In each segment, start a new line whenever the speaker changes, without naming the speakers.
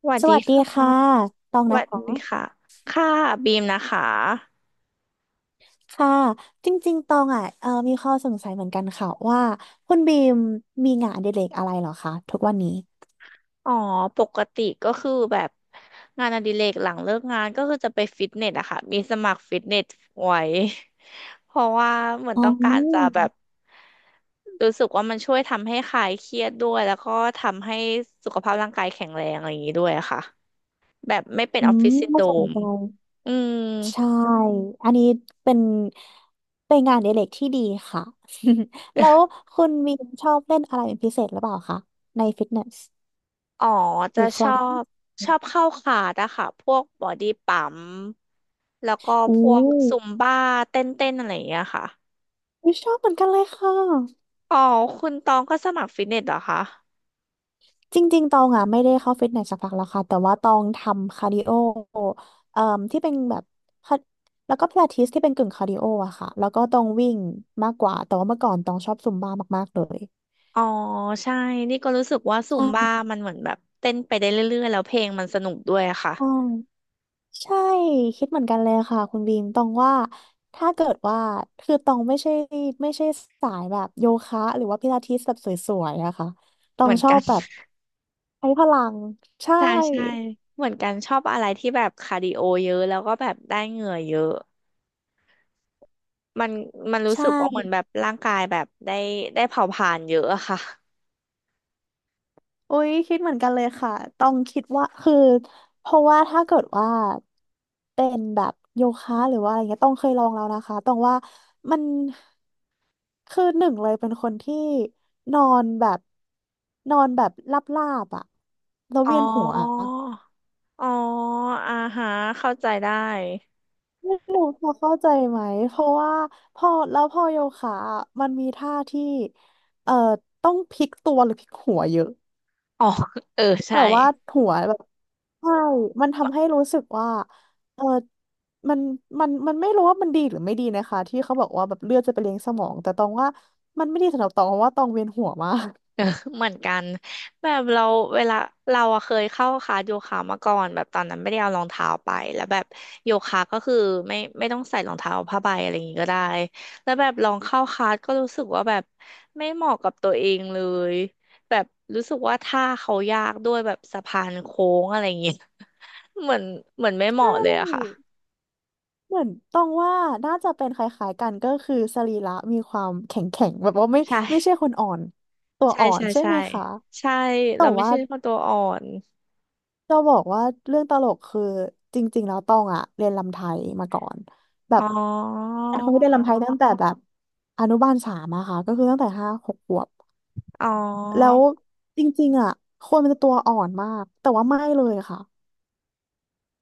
สวัส
ส
ดี
วัสดี
ค่ะ
ค่ะ ตอง
ส
นะ
วัสดี
คะ
ค่ะค่ะบีมนะคะ
ค่ะจริงๆ ตองอ่ะมีข้อสงสัยเหมือนกันค่ะว่าคุณบีมมีงานอดิเรกอะไรเหรอคะทุกวันนี้
อ๋อปกติก็คือแบบงานอดิเรกหลังเลิกงานก็คือจะไปฟิตเนสอะค่ะมีสมัครฟิตเนสไว้ เพราะว่าเหมือน
อ๋
ต้องการจะ
อ
แบบรู้สึกว่ามันช่วยทำให้คลายเครียดด้วยแล้วก็ทำให้สุขภาพร่างกายแข็งแรงอะไรอย่างนี้ด้วยอะค่ะแบบไม่เป็น
อื
ออฟฟิ
ม
ศซินโด
น่า
ร
สน
ม
ใจ
อืม
ใช่ อันนี้เป็นเป็นงานอดิเรกที่ดีค่ะ แล้วคุณบีมชอบเล่นอะไรเป็นพิเศษหรือเปล่าคะในฟิตเนส
อ๋อ
ห
จะ
รือคลับ
บชอบเข้าคลาสอะค่ะพวกบอดี้ปั๊มแล้วก็
อู้
พวกซุมบ้าเต้นเต้นอะไรอย่างเงี้ยค่ะ
ไม่ชอบเหมือนกันเลยค่ะ
อ๋อคุณตองก็สมัครฟิตเนสเหรอคะ
จริงๆ ตองอ่ะไม่ได้เข้าฟิตเนสสักพักแล้วค่ะแต่ว่าตองทำคาร์ดิโอเอ่มที่เป็นแบบคาร์แล้วก็พิลาทิสที่เป็นกึ่งคาร์ดิโออะค่ะแล้วก็ตองวิ่งมากกว่าแต่ว่าเมื่อก่อนตองชอบซุมบ้ามากๆเลย
อ๋อใช่นี่ก็รู้สึกว่าซุมบ้า
ใช่
มันเหมือนแบบเต้นไปได้เรื่อยๆแล้วเพลงมันสนุกด้วยอะค่ะ
ใช่ใช่คิดเหมือนกันเลยค่ะคุณบีมตองว่าถ้าเกิดว่าคือตองไม่ใช่สายแบบโยคะหรือว่าพิลาทิสแบบสวยๆอะค่ะตอ
เห
ง
มือน
ชอ
กั
บ
น
แบบใช้พลังใช่
ใช่ใช่เหมือนกันชอบอะไรที่แบบคาร์ดิโอเยอะแล้วก็แบบได้เหงื่อเยอะมันมันรู้
ใช่
สึกว่าเหมือนแบบร่างกายแบบได้เผาผลาญเยอะอะค่ะ
อุ้ยคิดเหมือนกันเลยค่ะต้องคิดว่าคือเพราะว่าถ้าเกิดว่าเป็นแบบโยคะหรือว่าอะไรเงี้ยต้องเคยลองแล้วนะคะต้องว่ามันคือหนึ่งเลยเป็นคนที่นอนแบบนอนแบบลาบลาบอะแล้ว
อ๋อ
เวียนหัว
อ๋ออ่าฮะเข้าใจได้
ไม่รู้พอเข้าใจไหมเพราะว่าพอแล้วพอโยคะอะมันมีท่าที่เอ่อต้องพลิกตัวหรือพลิกหัวเยอะ
อ๋อ เออ
แต่
ใช่
ว่า หัวแบบใช่มันทำให้รู้สึกว่าเออมันมันไม่รู้ว่ามันดีหรือไม่ดีนะคะที่เขาบอกว่าแบบเลือดจะไปเลี้ยงสมองแต่ตองว่ามันไม่ดีสำหรับตองเพราะว่าตองเวียนหัวมาก
เออเหมือนกันแบบเราเวลาเราอะเคยเข้าคลาสโยคะมาก่อนแบบตอนนั้นไม่ได้เอารองเท้าไปแล้วแบบโยคะก็คือไม่ต้องใส่รองเท้าผ้าใบอะไรอย่างงี้ก็ได้แล้วแบบลองเข้าคลาสก็รู้สึกว่าแบบไม่เหมาะกับตัวเองเลย แบบรู้สึกว่าท่าเขายากด้วยแบบสะพานโค้งอะไรอย่างเงี้ย เหมือนเหมือนไม่
ใช
เหมาะเลยอะค่ะ
่เหมือนตองว่าน่าจะเป็นคล้ายๆกันก็คือสรีระมีความแข็งแข็งแบบว่าไม่
ใช่
ไม่ใช่คนอ่อนตัว
ใช่
อ่อน
ใช่
ใช่
ใช่
ไหมคะ
ใช่
แต่
เราไม่
ว่า
ใช่คนตัวอ่อน
จะบอกว่าเรื่องตลกคือจริงๆแล้วตองอะเรียนรำไทยมาก่อนแบ
อ๋อ
บเป็นคนที่เรียนรำไทยตั้งแต่แบบอนุบาล 3อะค่ะก็คือตั้งแต่5-6 ขวบ
อ๋อ
แล้วจริงๆอะคนมันจะตัวอ่อนมากแต่ว่าไม่เลยค่ะ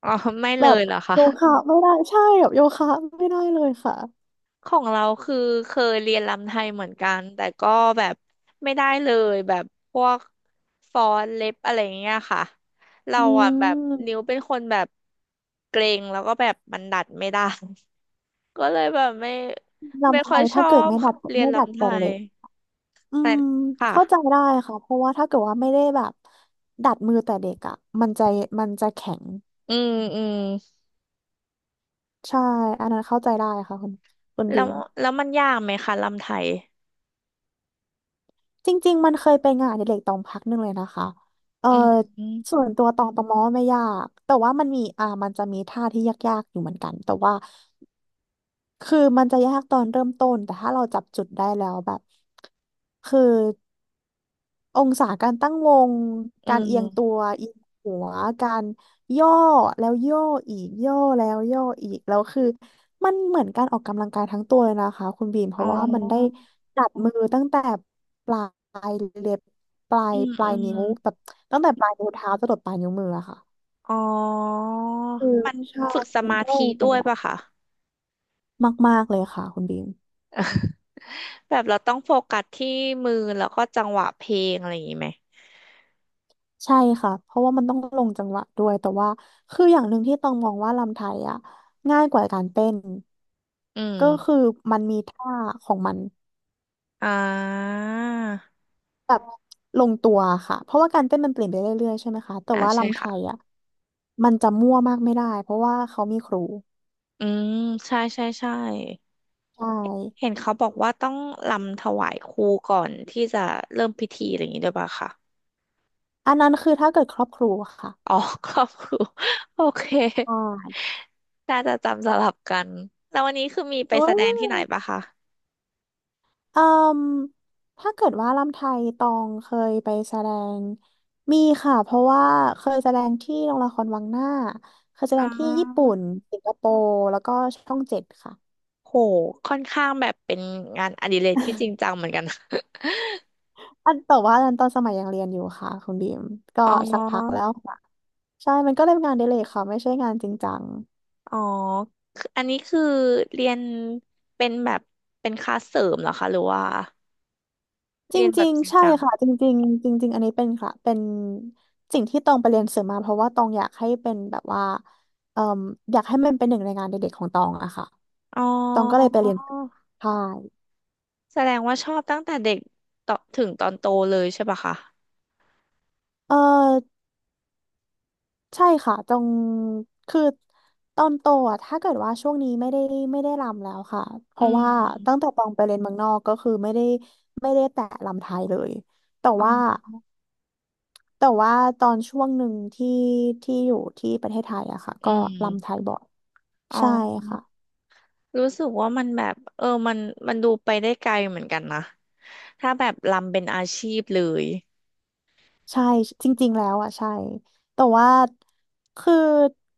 อ๋อไม่
แบ
เล
บ
ยเหรอคะ
โยคะไม่ได้ใช่แบบโยคะไม่ได้เลยค่ะ
ของเราคือเคยเรียนรำไทยเหมือนกันแต่ก็แบบไม่ได้เลยแบบพวกฟ้อนเล็บอะไรอย่างเงี้ยค่ะเรา
อื
อ่ะแบบ
ม
นิ้วเป็นคนแบบเกรงแล้วก็แบบมันดัดไม่ได้ ก็เลยแบบไม่
รำไท
ค่อย
ย
ช
ถ้า
อ
เกิด
บ
ไม่ดัด
เรียน
ไม่ดัด
รำไท
แต่เล็
ย
กอืม
ค่ะ
เข้าใจได้ค่ะเพราะว่าถ้าเกิดว่าไม่ได้แบบดัดมือแต่เด็กอ่ะมันจะมันจะแข็ง
อืมอืม
ใช่อันนั้นเข้าใจได้ค่ะคุณ
แล้
บิ
ว
ง
แล้วมันยากไหมคะรำไทย
จริงๆมันเคยเป็นงานอดิเรกตองพักหนึ่งเลยนะคะ เออ
อืมอืม
ส่วนตัวตองประมอไม่ยากแต่ว่ามันมีมันจะมีท่าที่ยากๆอยู่เหมือนกันแต่ว่าคือมันจะยากตอนเริ่มต้นแต่ถ้าเราจับจุดได้แล้วแบบคือ องศาการตั้งวงการเอียงตัวเอียงหัวการย่อแล้วย่ออีกย่อแล้วย่ออีกแล้วคือมันเหมือนการออกกำลังกายทั้งตัวเลยนะคะคุณบีมเพ
อ๋
ราะว่ามันได้
อ
จับมือตั้งแต่ปลายเล็บปลา
อื
ย
ม
ป
อื
ลาย
ม
นิ้วแบบตั้งแต่ปลายนิ้วเท้าจรดปลายนิ้วมืออะค่ะ
อ๋อ
คือ
มัน
ใช่
ฝึกส
มัน
มา
ก็เล
ธิ
ย
ด้
เป็น
วย
แบบ
ป่ะคะ
มากๆเลยค่ะคุณบีม
แบบเราต้องโฟกัสที่มือแล้วก็จังหวะเพลงอะไรอย่างนี้ไหม
ใช่ค่ะ เพราะว่ามันต้องลงจังหวะด้วย แต่ว่าคืออย่างหนึ่งที่ต้องมองว่ารำไทยอ่ะง่ายกว่าการเต้น
อื
ก็
ม
คือมันมีท่าของมัน
อ่า
แบบลงตัวค่ะ เพราะว่าการเต้นมันเปลี่ยนไปเรื่อยๆใช่ไหมคะ แต่
อ่า
ว่า
ใช่
รำไท
ค่ะ
ยอ่ะมันจะมั่วมากไม่ได้เพราะว่าเขามีครู
อืมใช่ใช่ใช่
ใช่
เห็นเขาบอกว่าต้องรำถวายครูก่อนที่จะเริ่มพิธีอะไรอย่างนี้ด้วยป่ะคะ
อันนั้นคือถ้าเกิดครอบครูอค่ะ
อ๋อครอบครูโอเค
ใช่
น่าจะจำสลับกัน แล้ววันนี้คือมีไปแสดงที่ไหนป่ะคะ
เอ่มถ้าเกิดว่าลำไทยตองเคยไปแสดงมีค่ะเพราะว่าเคยแสดงที่โรงละครวังหน้าเคยแสด
อ๋
งที่ญี่ปุ่
อ
นสิงคโปร์แล้วก็ช่อง 7ค่ะ
โห ค่อนข้างแบบเป็นงานอดิเรกที่จริงจังเหมือนกันนะ
อันแต่ว่าอันนั้นตอนสมัยยังเรียนอยู่ค่ะคุณบีมก็
อ๋
สักพักแล้
อ
วค่ะใช่มันก็เลยเป็นงานอดิเรกค่ะไม่ใช่งานจริงจัง
อ๋อคืออันนี้คือเรียนเป็นแบบเป็นคลาสเสริมเหรอคะหรือว่า
จ
เรียนแบ
ริ
บ
ง
จริง
ๆใช่
จัง
ค่ะจริงๆจริงๆอันนี้เป็นค่ะเป็นสิ่งที่ตองไปเรียนเสริมมาเพราะว่าตองอยากให้เป็นแบบว่าเอ่มอยากให้มันเป็นหนึ่งในงานอดิเรกของตองอะค่ะ
อ๋อ
ตองก็เลยไปเรียนใช่
แสดงว่าชอบตั้งแต่เด็กต่อถึงตอนโตเลยใช่ปะคะ
เออใช่ค่ะตองคือตอนโตอ่ะถ้าเกิดว่าช่วงนี้ไม่ได้รำแล้วค่ะเพ
อื
ราะว่าตั้ง
ม
แต่ตองไปเรียนเมืองนอกก็คือไม่ได้แตะรำไทยเลยแต่
อ๋
ว่า
อ
แต่ว่าตอนช่วงหนึ่งที่อยู่ที่ประเทศไทยอะค่ะ
อื
ก็รำไท
ม
ยบ่อย
อ๋
ใช่ค่ะ
อรู้สึกว่ามันแบบเออมันมันดูไปได้ไกลเหมือนกันนะถ้าแบบรำเป็นอาชีพเลย
ใช่จริงๆแล้วอ่ะใช่แต่ว่าคือ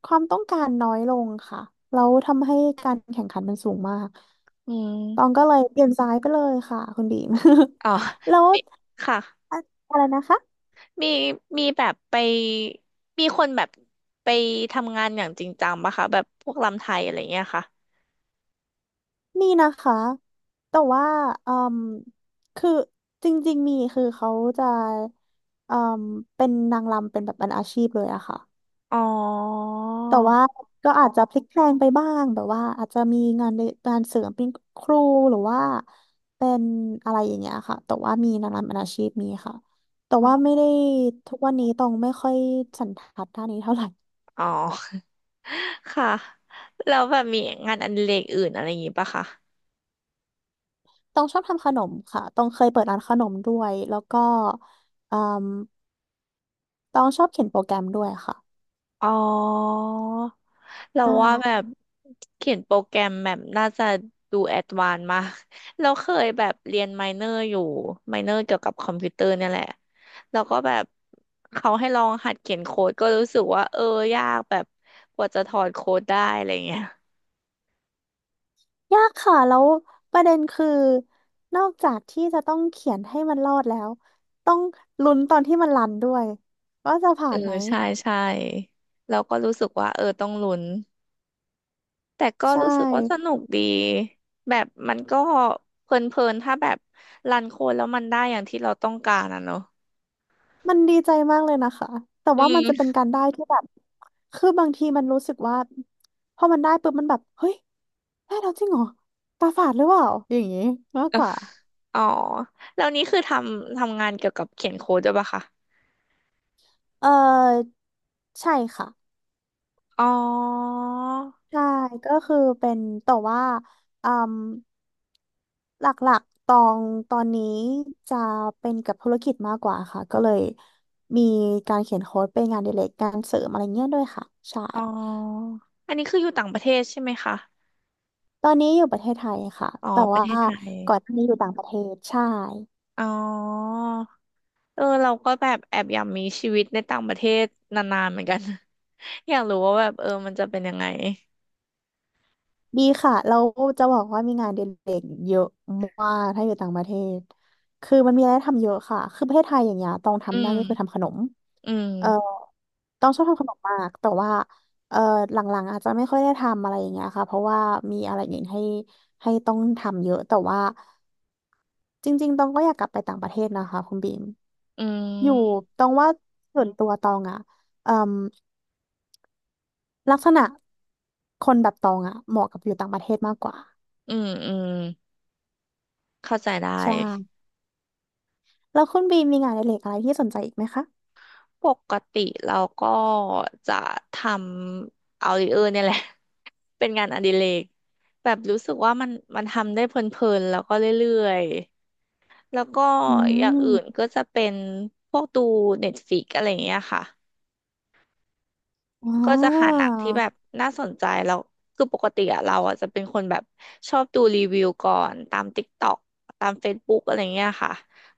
ความต้องการน้อยลงค่ะแล้วทำให้การแข่งขันมันสูงมาก
อื
ตอง
ม
ก็เลยเปลี่ยนสายไปเลยค่ะคุณบีม
อ๋อ
แล้ว
มีค่ะ
อะไรนะคะ
มีมีแบบไปมีคนแบบไปทำงานอย่างจริงจังปะคะแบบพวกรำไทยอะไรเงี้ยค่ะ
มีนะคะแต่ว่าอืมคือจริงๆมีคือเขาจะอืมเป็นนางรำเป็นแบบเป็นอาชีพเลยอะค่ะ
อ๋อ
แต่ว่าก็อาจจะพลิกแพลงไปบ้างแบบว่าอาจจะมีงานเสริมเป็นครูหรือว่าเป็นอะไรอย่างเงี้ยค่ะแต่ว่ามีงานเป็นอาชีพมีค่ะแต่
อ๋
ว่าไม่
อ
ได้ทุกวันนี้ต้องไม่ค่อยสันทัดด้านนี้เท่าไหร่
ค่ะ แล้วแบบมีงานอดิเรกอื่นอะไรอย่างงี้ปะคะ
ต้องชอบทำขนมค่ะต้องเคยเปิดร้านขนมด้วยแล้วก็เอ่มต้องชอบเขียนโปรแกรมด้วยค่ะ
อ๋อ เรา
ใช่
ว่าแบบเขียนโปรแกรมแบบน่าจะดูแอดวานซ์มากเราเคยแบบเรียนไมเนอร์อยู่ไมเนอร์เกี่ยวกับคอมพิวเตอร์เนี่ยแหละแล้วก็แบบเขาให้ลองหัดเขียนโค้ดก็รู้สึกว่าเออยากแบบกว่าจะถอดโค้ดได้อะไรเงี้ย
ยากค่ะแล้วประเด็นคือนอกจากที่จะต้องเขียนให้มันรอดแล้วต้องลุ้นตอนที่มันรันด้วยว่าจะผ่า
เออ
นไหม
ใช่ใช่เราก็รู้สึกว่าเออต้องลุ้นแต่ก็
ใช่
รู้สึกว่าสนุกดีแบบมันก็เพลินๆถ้าแบบรันโค้ดแล้วมันได้อย่างที่เราต้องการอ่ะเนอะ
มันดีใจมากเลยนะคะแต่
อื
ว่ามันจะ
ม
เป็นการได้ที่แบบคือบางทีมันรู้สึกว่าพอมันได้ปุ๊บมันแบบเฮ้ยได้แล้วจริงเหรอตาฝาดหรือเปล่าอย่างนี้มากกว่า
อ๋อแล้วนี้คือทำงานเกี่ยวกับเขียนโค้ดด้วยปะคะ
เออใช่ค่ะ
อ๋อ
ใช่ก็คือเป็นแต่ว่าอืม หลักๆตอนนี้จะเป็นกับธุรกิจมากกว่าค่ะก็เลยมีการเขียนโค้ดเป็นงานอดิเรกการเสริมอะไรเงี้ยด้วยค่ะใช่
อ๋ออันนี้คืออยู่ต่างประเทศใช่ไหมคะ
ตอนนี้อยู่ประเทศไทยค่ะ
อ๋อ
แต่
ประ
ว่า
เทศไทย
ก่อนหน้านี้อยู่ต่างประเทศใช่
อ๋อเออเราก็แบบแอบอยากมีชีวิตในต่างประเทศนานๆเหมือนกัน อยากรู้ว่าแบบเออมันจะเป็นยังไง
ดีค่ะเราจะบอกว่ามีงานเด็กๆเยอะมากถ้าอยู่ต่างประเทศคือมันมีอะไรให้ทำเยอะค่ะคือประเทศไทยอย่างเงี้ยต้อง
อื
ทำได้ก็
ม
คือทำขนม
อื
เอ่อ
ม
ต้องชอบทำขนมมากแต่ว่าเอ่อหลังๆอาจจะไม่ค่อยได้ทำอะไรอย่างเงี้ยค่ะเพราะว่ามีอะไรอื่นให้ต้องทำเยอะแต่ว่าจริงๆต้องก็อยากกลับไปต่างประเทศนะคะคุณบีม
อื
อยู่
ม
ตองว่าส่วนตัวตองอะเอ่มลักษณะคนแบบตองอะเหมาะกับอยู่ต่างประเทศมากกว่า
อืมอืมเข้าใจได้
ใช่ แล้วคุณบีมมีงานอดิเรกอะไรที่สนใจอีกไหมคะ
ปกติเราก็จะทำเอาดิเออร์เนี่ยแหละ เป็นงานอดิเรกแบบรู้สึกว่ามันมันทำได้เพลินๆแล้วก็เรื่อยๆแล้วก็
อื
อย่างอื่น
ม
ก็จะเป็นพวกดูเน็ตฟ i ิกอะไรอย่างเงี้ยค่ะ
ว้
ก็จะหาหนั
า
งที่แบบน่าสนใจแล้วคือปกติอะเราอะจะเป็นคนแบบชอบดูรีวิวก่อนตาม TikTok ตาม Facebook อะไรเงี้ยค่ะ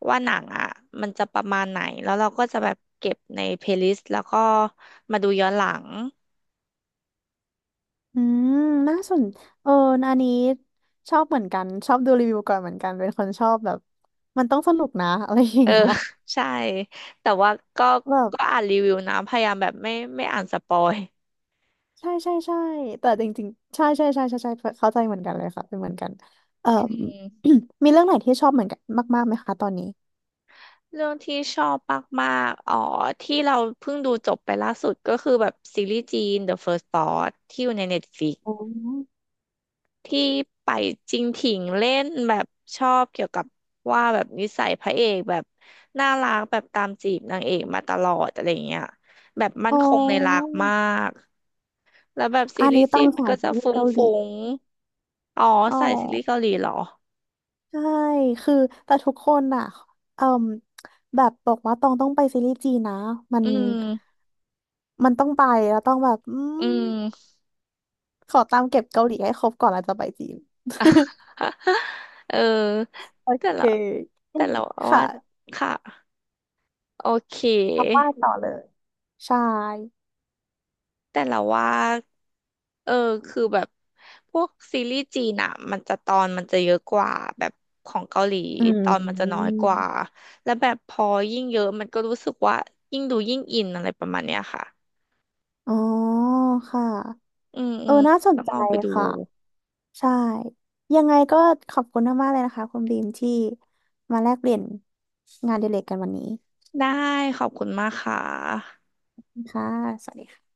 ว่าหนังอะมันจะประมาณไหนแล้วเราก็จะแบบเก็บในเพลย์ลิสต์แล้วก็มาดูย้อนหลัง
อืมน่าสนเอออันนี้ชอบเหมือนกัน ชอบดูรีวิวก่อนเหมือนกัน เป็นคนชอบแบบ มันต้องสนุกนะ อะไรอย่า
เอ
ง
อ
เงี้ย
ใช่แต่ว่าก็
แบบ
ก็อ่านรีวิวนะพยายามแบบไม่อ่านสปอย
ใช่ใช่ใช่ แต่จริงๆใช่ใช่ใช่ใช่ใช่เข้าใจเหมือนกันเลยค่ะเป็นเหมือนกันเอ่อ
อืม
มีเรื่องไหนที่ชอบเหมือนกันมากๆไหมคะตอนนี้
เรื่องที่ชอบมากๆอ๋อที่เราเพิ่งดูจบไปล่าสุดก็คือแบบซีรีส์จีน The First Spot ที่อยู่ใน Netflix
อ๋อ
ที่ไปจริงถิงเล่นแบบชอบเกี่ยวกับว่าแบบนิสัยพระเอกแบบน่ารักแบบตามจีบนางเอกมาตลอดอะไรเงี้ยแบบมั่
อ๋
น
อ
คงในรักมากแล้วแบบซี
อัน
รี
นี้
ส์
ต้
จี
อง
นมัน
สาย
ก็
ซี
จะ
รีส์
ฟุ้ง
เกาหลี
ฟุงอ๋อ
อ๋อ
ใส่ซีรีส์เกาหลีเหรอ
ใช่คือแต่ทุกคนอ่ะเอ่มแบบบอกว่าต้องไปซีรีส์จีนนะมัน
อืม
มันต้องไปแล้วต้องแบบอื
อื
ม
ม
ขอตามเก็บเกาหลีให้ครบก่อนแล้วจะไปจีน
เออ
โอ
แต่
เค
ละแต่เราว่า
ค่ะ
ค่ะโอเค
เอาว่าต่อเลย ใช่
แต่เราว่าเออคือแบบพวกซีรีส์จีนอะมันจะตอนมันจะเยอะกว่าแบบของเกาหลี
อื
ตอนมันจะน้อย
ม
กว่าแล้วแบบพอยิ่งเยอะมันก็รู้สึกว่ายิ่งดูยิ่งอินอะไรประมาณเนี้ยค่ะ
อ๋อค่ะ
อืมอื
เออ
ม
น่าสน
ต้อง
ใจ
ลองไปดู
ค่ะ ใช่ ยังไงก็ขอบคุณมากๆเลยนะคะคุณบีมที่มาแลกเปลี่ยนงานอดิเรกกันวันนี้
ได้ขอบคุณมากค่ะ
ค่ะสวัสดีค่ะ